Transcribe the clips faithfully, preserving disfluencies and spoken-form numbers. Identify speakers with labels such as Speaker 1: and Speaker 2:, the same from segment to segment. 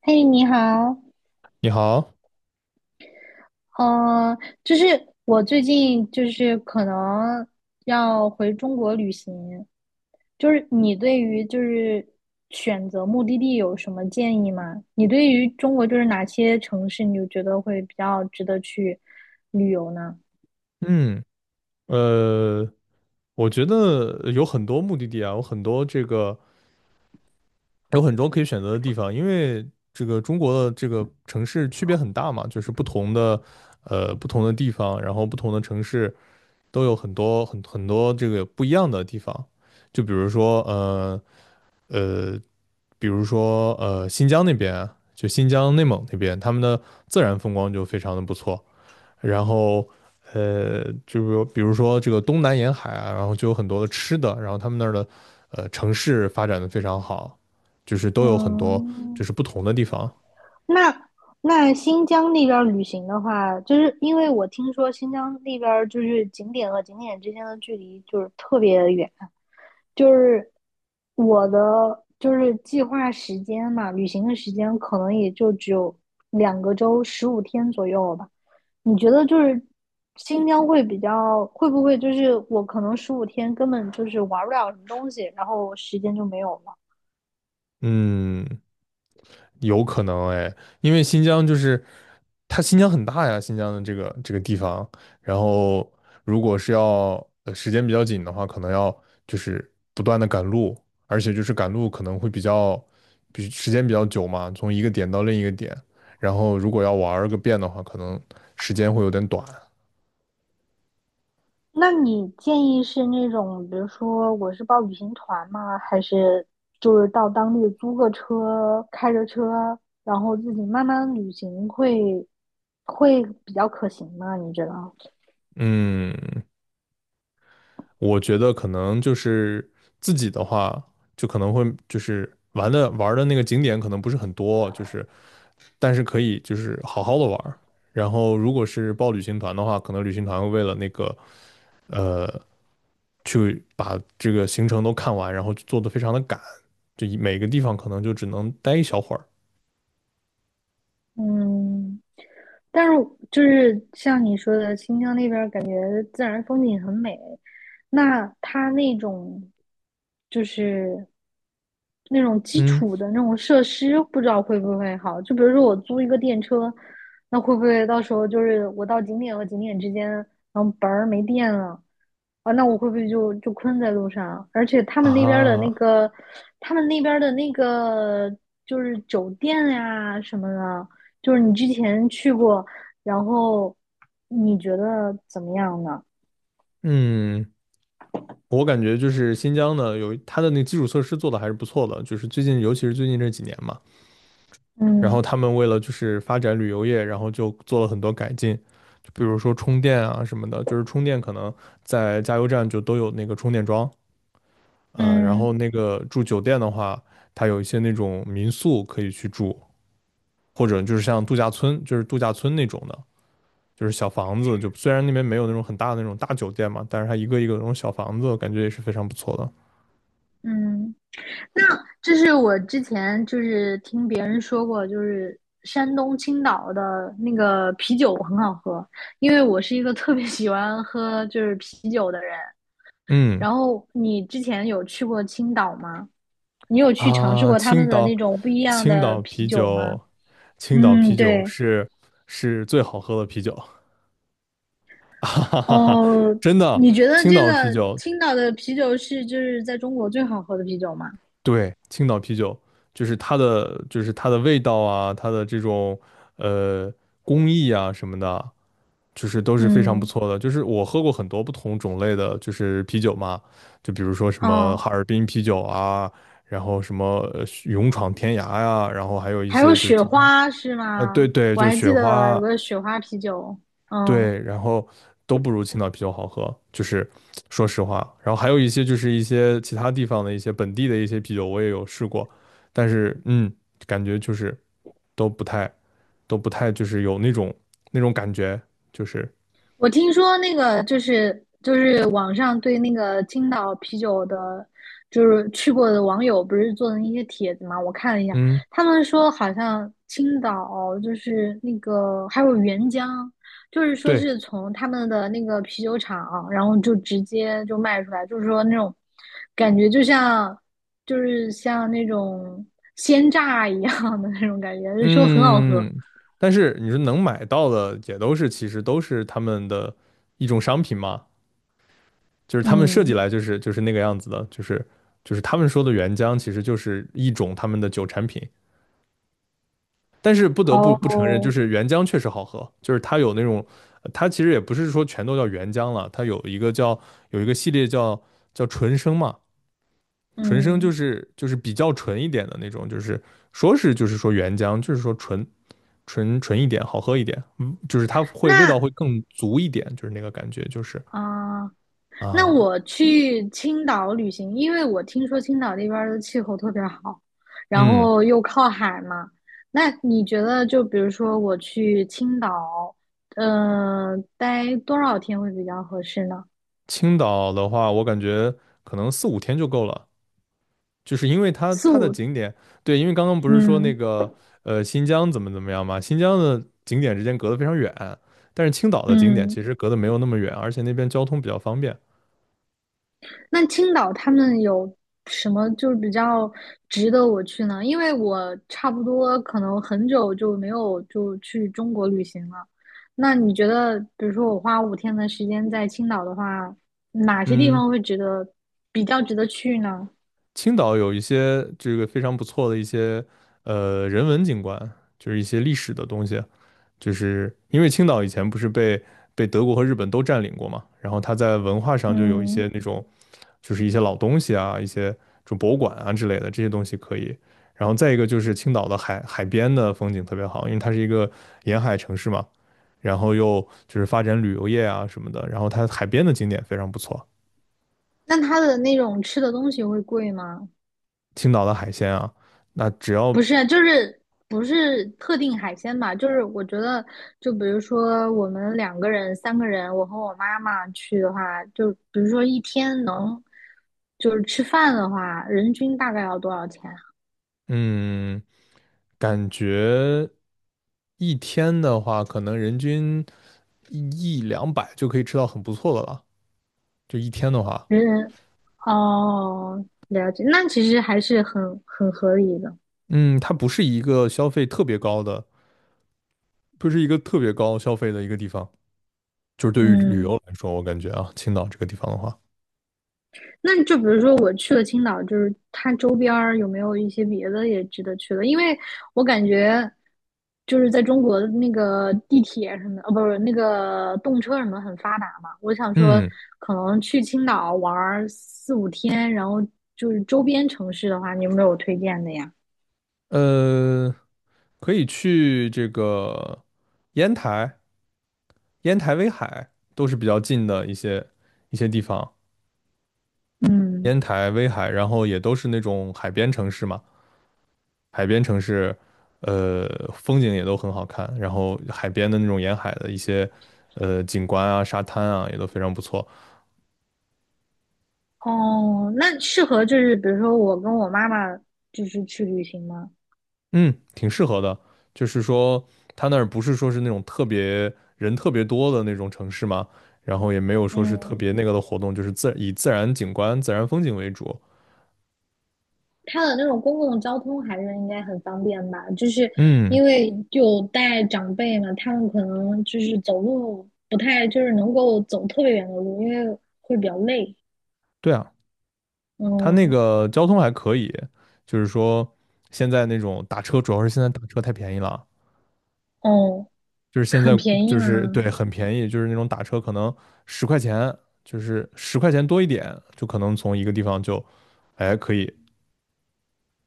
Speaker 1: 嘿，你好，
Speaker 2: 你好。
Speaker 1: 嗯、呃，就是我最近就是可能要回中国旅行，就是你对于就是选择目的地有什么建议吗？你对于中国就是哪些城市你就觉得会比较值得去旅游呢？
Speaker 2: 嗯，呃，我觉得有很多目的地啊，有很多这个，有很多可以选择的地方，因为这个中国的这个城市区别很大嘛，就是不同的，呃，不同的地方，然后不同的城市都有很多很很多这个不一样的地方，就比如说，呃呃，比如说呃新疆那边，就新疆内蒙那边，他们的自然风光就非常的不错。然后呃，就是比如说这个东南沿海啊，然后就有很多的吃的，然后他们那儿的呃城市发展的非常好，就是都有很多就
Speaker 1: 嗯。
Speaker 2: 是不同的地方。
Speaker 1: 那那新疆那边儿旅行的话，就是因为我听说新疆那边儿就是景点和景点之间的距离就是特别远，就是我的就是计划时间嘛，旅行的时间可能也就只有两个周十五天左右了吧。你觉得就是新疆会比较会不会就是我可能十五天根本就是玩不了什么东西，然后时间就没有了？
Speaker 2: 嗯，有可能哎，因为新疆就是它新疆很大呀，新疆的这个这个地方，然后如果是要呃时间比较紧的话，可能要就是不断的赶路，而且就是赶路可能会比较比时间比较久嘛，从一个点到另一个点，然后如果要玩儿个遍的话，可能时间会有点短。
Speaker 1: 那你建议是那种，比如说我是报旅行团吗？还是就是到当地租个车，开着车，然后自己慢慢旅行会会比较可行吗？你觉得？
Speaker 2: 嗯，我觉得可能就是自己的话，就可能会就是玩的玩儿的那个景点可能不是很多，就是但是可以就是好好的玩儿。然后如果是报旅行团的话，可能旅行团会为了那个呃去把这个行程都看完，然后做的非常的赶，就每个地方可能就只能待一小会儿。
Speaker 1: 嗯，但是就是像你说的，新疆那边儿感觉自然风景很美，那它那种就是那种基
Speaker 2: 嗯
Speaker 1: 础的那种设施，不知道会不会好。就比如说我租一个电车，那会不会到时候就是我到景点和景点之间，然后本儿没电了啊？那我会不会就就困在路上？而且他们那边儿的那
Speaker 2: 啊，
Speaker 1: 个，他们那边儿的那个就是酒店呀、什么的，就是你之前去过，然后你觉得怎么样呢？
Speaker 2: 嗯，我感觉就是新疆呢，有它的那基础设施做的还是不错的，就是最近，尤其是最近这几年嘛，然后
Speaker 1: 嗯
Speaker 2: 他们为了就是发展旅游业，然后就做了很多改进，就比如说充电啊什么的，就是充电可能在加油站就都有那个充电桩。呃，然
Speaker 1: 嗯
Speaker 2: 后那个住酒店的话，它有一些那种民宿可以去住，或者就是像度假村，就是度假村那种的，就是小房子，就虽然那边没有那种很大的那种大酒店嘛，但是它一个一个那种小房子，感觉也是非常不错的。
Speaker 1: 嗯。那这是我之前就是听别人说过，就是山东青岛的那个啤酒很好喝，因为我是一个特别喜欢喝就是啤酒的人。
Speaker 2: 嗯
Speaker 1: 然后你之前有去过青岛吗？你有去尝试
Speaker 2: 啊，
Speaker 1: 过他
Speaker 2: 青
Speaker 1: 们的那
Speaker 2: 岛，
Speaker 1: 种不一样
Speaker 2: 青
Speaker 1: 的
Speaker 2: 岛
Speaker 1: 啤
Speaker 2: 啤
Speaker 1: 酒吗？
Speaker 2: 酒，青岛
Speaker 1: 嗯，
Speaker 2: 啤酒
Speaker 1: 对。
Speaker 2: 是是最好喝的啤酒。哈哈哈哈，
Speaker 1: 哦，
Speaker 2: 真的。
Speaker 1: 你觉得
Speaker 2: 青
Speaker 1: 这
Speaker 2: 岛啤
Speaker 1: 个
Speaker 2: 酒
Speaker 1: 青岛的啤酒是就是在中国最好喝的啤酒吗？
Speaker 2: 对，青岛啤酒就是它的，就是它的味道啊，它的这种呃工艺啊什么的，就是都是非常不
Speaker 1: 嗯。
Speaker 2: 错的。就是我喝过很多不同种类的，就是啤酒嘛，就比如说什么
Speaker 1: 哦，
Speaker 2: 哈尔滨啤酒啊，然后什么呃勇闯天涯呀、然后还有一
Speaker 1: 还有
Speaker 2: 些就是
Speaker 1: 雪
Speaker 2: 其他。
Speaker 1: 花是
Speaker 2: 呃，对
Speaker 1: 吗？
Speaker 2: 对，
Speaker 1: 我
Speaker 2: 就
Speaker 1: 还记
Speaker 2: 雪
Speaker 1: 得有
Speaker 2: 花，
Speaker 1: 个雪花啤酒。嗯，
Speaker 2: 对，然后都不如青岛啤酒好喝，就是说实话。然后还有一些就是一些其他地方的一些本地的一些啤酒，我也有试过，但是嗯，感觉就是都不太都不太就是有那种那种感觉，就是
Speaker 1: 我听说那个就是就是网上对那个青岛啤酒的，就是去过的网友不是做的那些帖子嘛，我看了一下，
Speaker 2: 嗯
Speaker 1: 他们说好像青岛就是那个还有原浆，就是说
Speaker 2: 对
Speaker 1: 是从他们的那个啤酒厂，然后就直接就卖出来，就是说那种感觉就像就是像那种鲜榨一样的那种感觉，就说很好喝。
Speaker 2: 嗯。但是你说能买到的也都是其实都是他们的一种商品嘛，就是他们设计
Speaker 1: 嗯。
Speaker 2: 来就是就是那个样子的，就是就是他们说的原浆其实就是一种他们的酒产品。但是不得不不承认，就
Speaker 1: 哦。
Speaker 2: 是原浆确实好喝，就是它有那种，呃它其实也不是说全都叫原浆了，它有一个叫有一个系列叫叫纯生嘛。纯生就
Speaker 1: 嗯。
Speaker 2: 是就是比较纯一点的那种，就是说是就是说原浆，就是说纯纯纯一点，好喝一点，嗯，就是它会味道
Speaker 1: 那
Speaker 2: 会更足一点，就是那个感觉，就是
Speaker 1: 啊，那
Speaker 2: 啊。
Speaker 1: 我去青岛旅行，因为我听说青岛那边儿的气候特别好，然
Speaker 2: 嗯，
Speaker 1: 后又靠海嘛。那你觉得，就比如说我去青岛，嗯，待多少天会比较合适呢？
Speaker 2: 青岛的话，我感觉可能四五天就够了，就是因为它
Speaker 1: 四
Speaker 2: 它的
Speaker 1: 五。
Speaker 2: 景点，对，因为刚刚不是说那
Speaker 1: 嗯
Speaker 2: 个呃新疆怎么怎么样嘛，新疆的景点之间隔得非常远，但是青岛的景点
Speaker 1: 嗯。
Speaker 2: 其实隔得没有那么远，而且那边交通比较方便。
Speaker 1: 那青岛他们有什么就是比较值得我去呢？因为我差不多可能很久就没有就去中国旅行了。那你觉得，比如说我花五天的时间在青岛的话，哪些地
Speaker 2: 嗯，
Speaker 1: 方会值得比较值得去呢？
Speaker 2: 青岛有一些这个非常不错的一些呃人文景观，就是一些历史的东西，就是因为青岛以前不是被被德国和日本都占领过嘛，然后它在文化上就有一
Speaker 1: 嗯。
Speaker 2: 些那种就是一些老东西啊，一些就博物馆啊之类的这些东西可以。然后再一个就是青岛的海海边的风景特别好，因为它是一个沿海城市嘛，然后又就是发展旅游业啊什么的，然后它海边的景点非常不错。
Speaker 1: 那它的那种吃的东西会贵吗？
Speaker 2: 青岛的海鲜啊，那只要
Speaker 1: 不是，就是不是特定海鲜吧？就是我觉得，就比如说我们两个人、三个人，我和我妈妈去的话，就比如说一天能就是吃饭的话，人均大概要多少钱啊
Speaker 2: 嗯，感觉一天的话，可能人均一一两百就可以吃到很不错的了。就一天的话，
Speaker 1: 人人哦，了解，那其实还是很很合理的。
Speaker 2: 嗯，它不是一个消费特别高的，不是一个特别高消费的一个地方。就是对于旅游
Speaker 1: 嗯。
Speaker 2: 来说，我感觉啊，青岛这个地方的话，
Speaker 1: 那就比如说我去了青岛，就是它周边儿有没有一些别的也值得去的？因为我感觉就是在中国的那个地铁什么的，哦，不是那个动车什么很发达嘛。我想说，
Speaker 2: 嗯。
Speaker 1: 可能去青岛玩儿四五天，然后就是周边城市的话，你有没有推荐的呀？
Speaker 2: 呃，可以去这个烟台、烟台、威海，都是比较近的一些一些地方。
Speaker 1: 嗯。
Speaker 2: 烟台、威海，然后也都是那种海边城市嘛，海边城市。呃，风景也都很好看，然后海边的那种沿海的一些，呃，景观啊、沙滩啊，也都非常不错。
Speaker 1: 哦，那适合就是比如说我跟我妈妈就是去旅行吗？
Speaker 2: 嗯，挺适合的。就是说，他那儿不是说是那种特别人特别多的那种城市嘛，然后也没有说是特
Speaker 1: 嗯
Speaker 2: 别那个的活动，就是自以自然景观、自然风景为主。
Speaker 1: 它的那种公共交通还是应该很方便吧？就是
Speaker 2: 嗯，
Speaker 1: 因为有带长辈嘛，他们可能就是走路不太就是能够走特别远的路，因为会比较累。
Speaker 2: 对啊，他那
Speaker 1: 嗯。
Speaker 2: 个交通还可以，就是说现在那种打车，主要是现在打车太便宜了，
Speaker 1: 哦，
Speaker 2: 就是现
Speaker 1: 很
Speaker 2: 在
Speaker 1: 便宜
Speaker 2: 就
Speaker 1: 吗？
Speaker 2: 是对很便宜，就是那种打车可能十块钱，就是十块钱多一点，就可能从一个地方就，哎，可以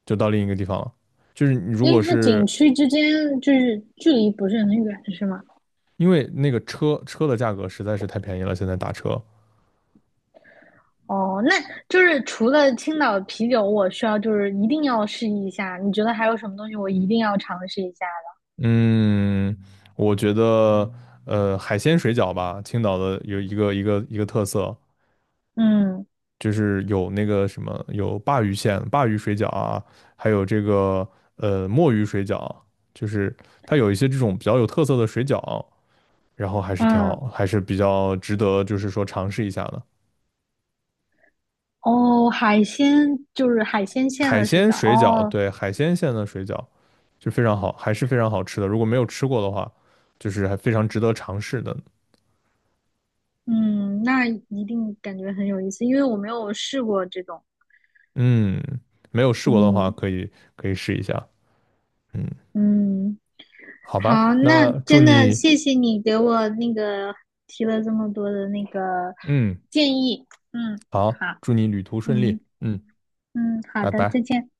Speaker 2: 就到另一个地方了。就是你如
Speaker 1: 因
Speaker 2: 果
Speaker 1: 为它
Speaker 2: 是
Speaker 1: 景区之间就是距离不是很远，是吗？
Speaker 2: 因为那个车车的价格实在是太便宜了，现在打车。
Speaker 1: 哦，那就是除了青岛啤酒，我需要就是一定要试一下。你觉得还有什么东西我一定要尝试一下
Speaker 2: 嗯，我觉得呃海鲜水饺吧，青岛的有一个一个一个特色，
Speaker 1: 的？嗯
Speaker 2: 就是有那个什么有鲅鱼馅、鲅鱼水饺啊，还有这个呃墨鱼水饺，就是它有一些这种比较有特色的水饺，然后还是挺
Speaker 1: 嗯。
Speaker 2: 好，还是比较值得就是说尝试一下的。
Speaker 1: 哦，海鲜就是海鲜馅
Speaker 2: 海
Speaker 1: 的水
Speaker 2: 鲜
Speaker 1: 饺
Speaker 2: 水饺，
Speaker 1: 哦。
Speaker 2: 对，海鲜馅的水饺，就非常好，还是非常好吃的。如果没有吃过的话，就是还非常值得尝试的。
Speaker 1: 嗯，那一定感觉很有意思，因为我没有试过这种。
Speaker 2: 嗯，没有试过的话，
Speaker 1: 嗯
Speaker 2: 可以可以试一下。嗯，
Speaker 1: 嗯，
Speaker 2: 好吧，
Speaker 1: 好，那
Speaker 2: 那祝
Speaker 1: 真的
Speaker 2: 你，
Speaker 1: 谢谢你给我那个提了这么多的那个
Speaker 2: 嗯，
Speaker 1: 建议。嗯，
Speaker 2: 好，
Speaker 1: 好。
Speaker 2: 祝你旅途顺
Speaker 1: 嗯
Speaker 2: 利。嗯，
Speaker 1: 嗯，好
Speaker 2: 拜
Speaker 1: 的，再
Speaker 2: 拜。
Speaker 1: 见。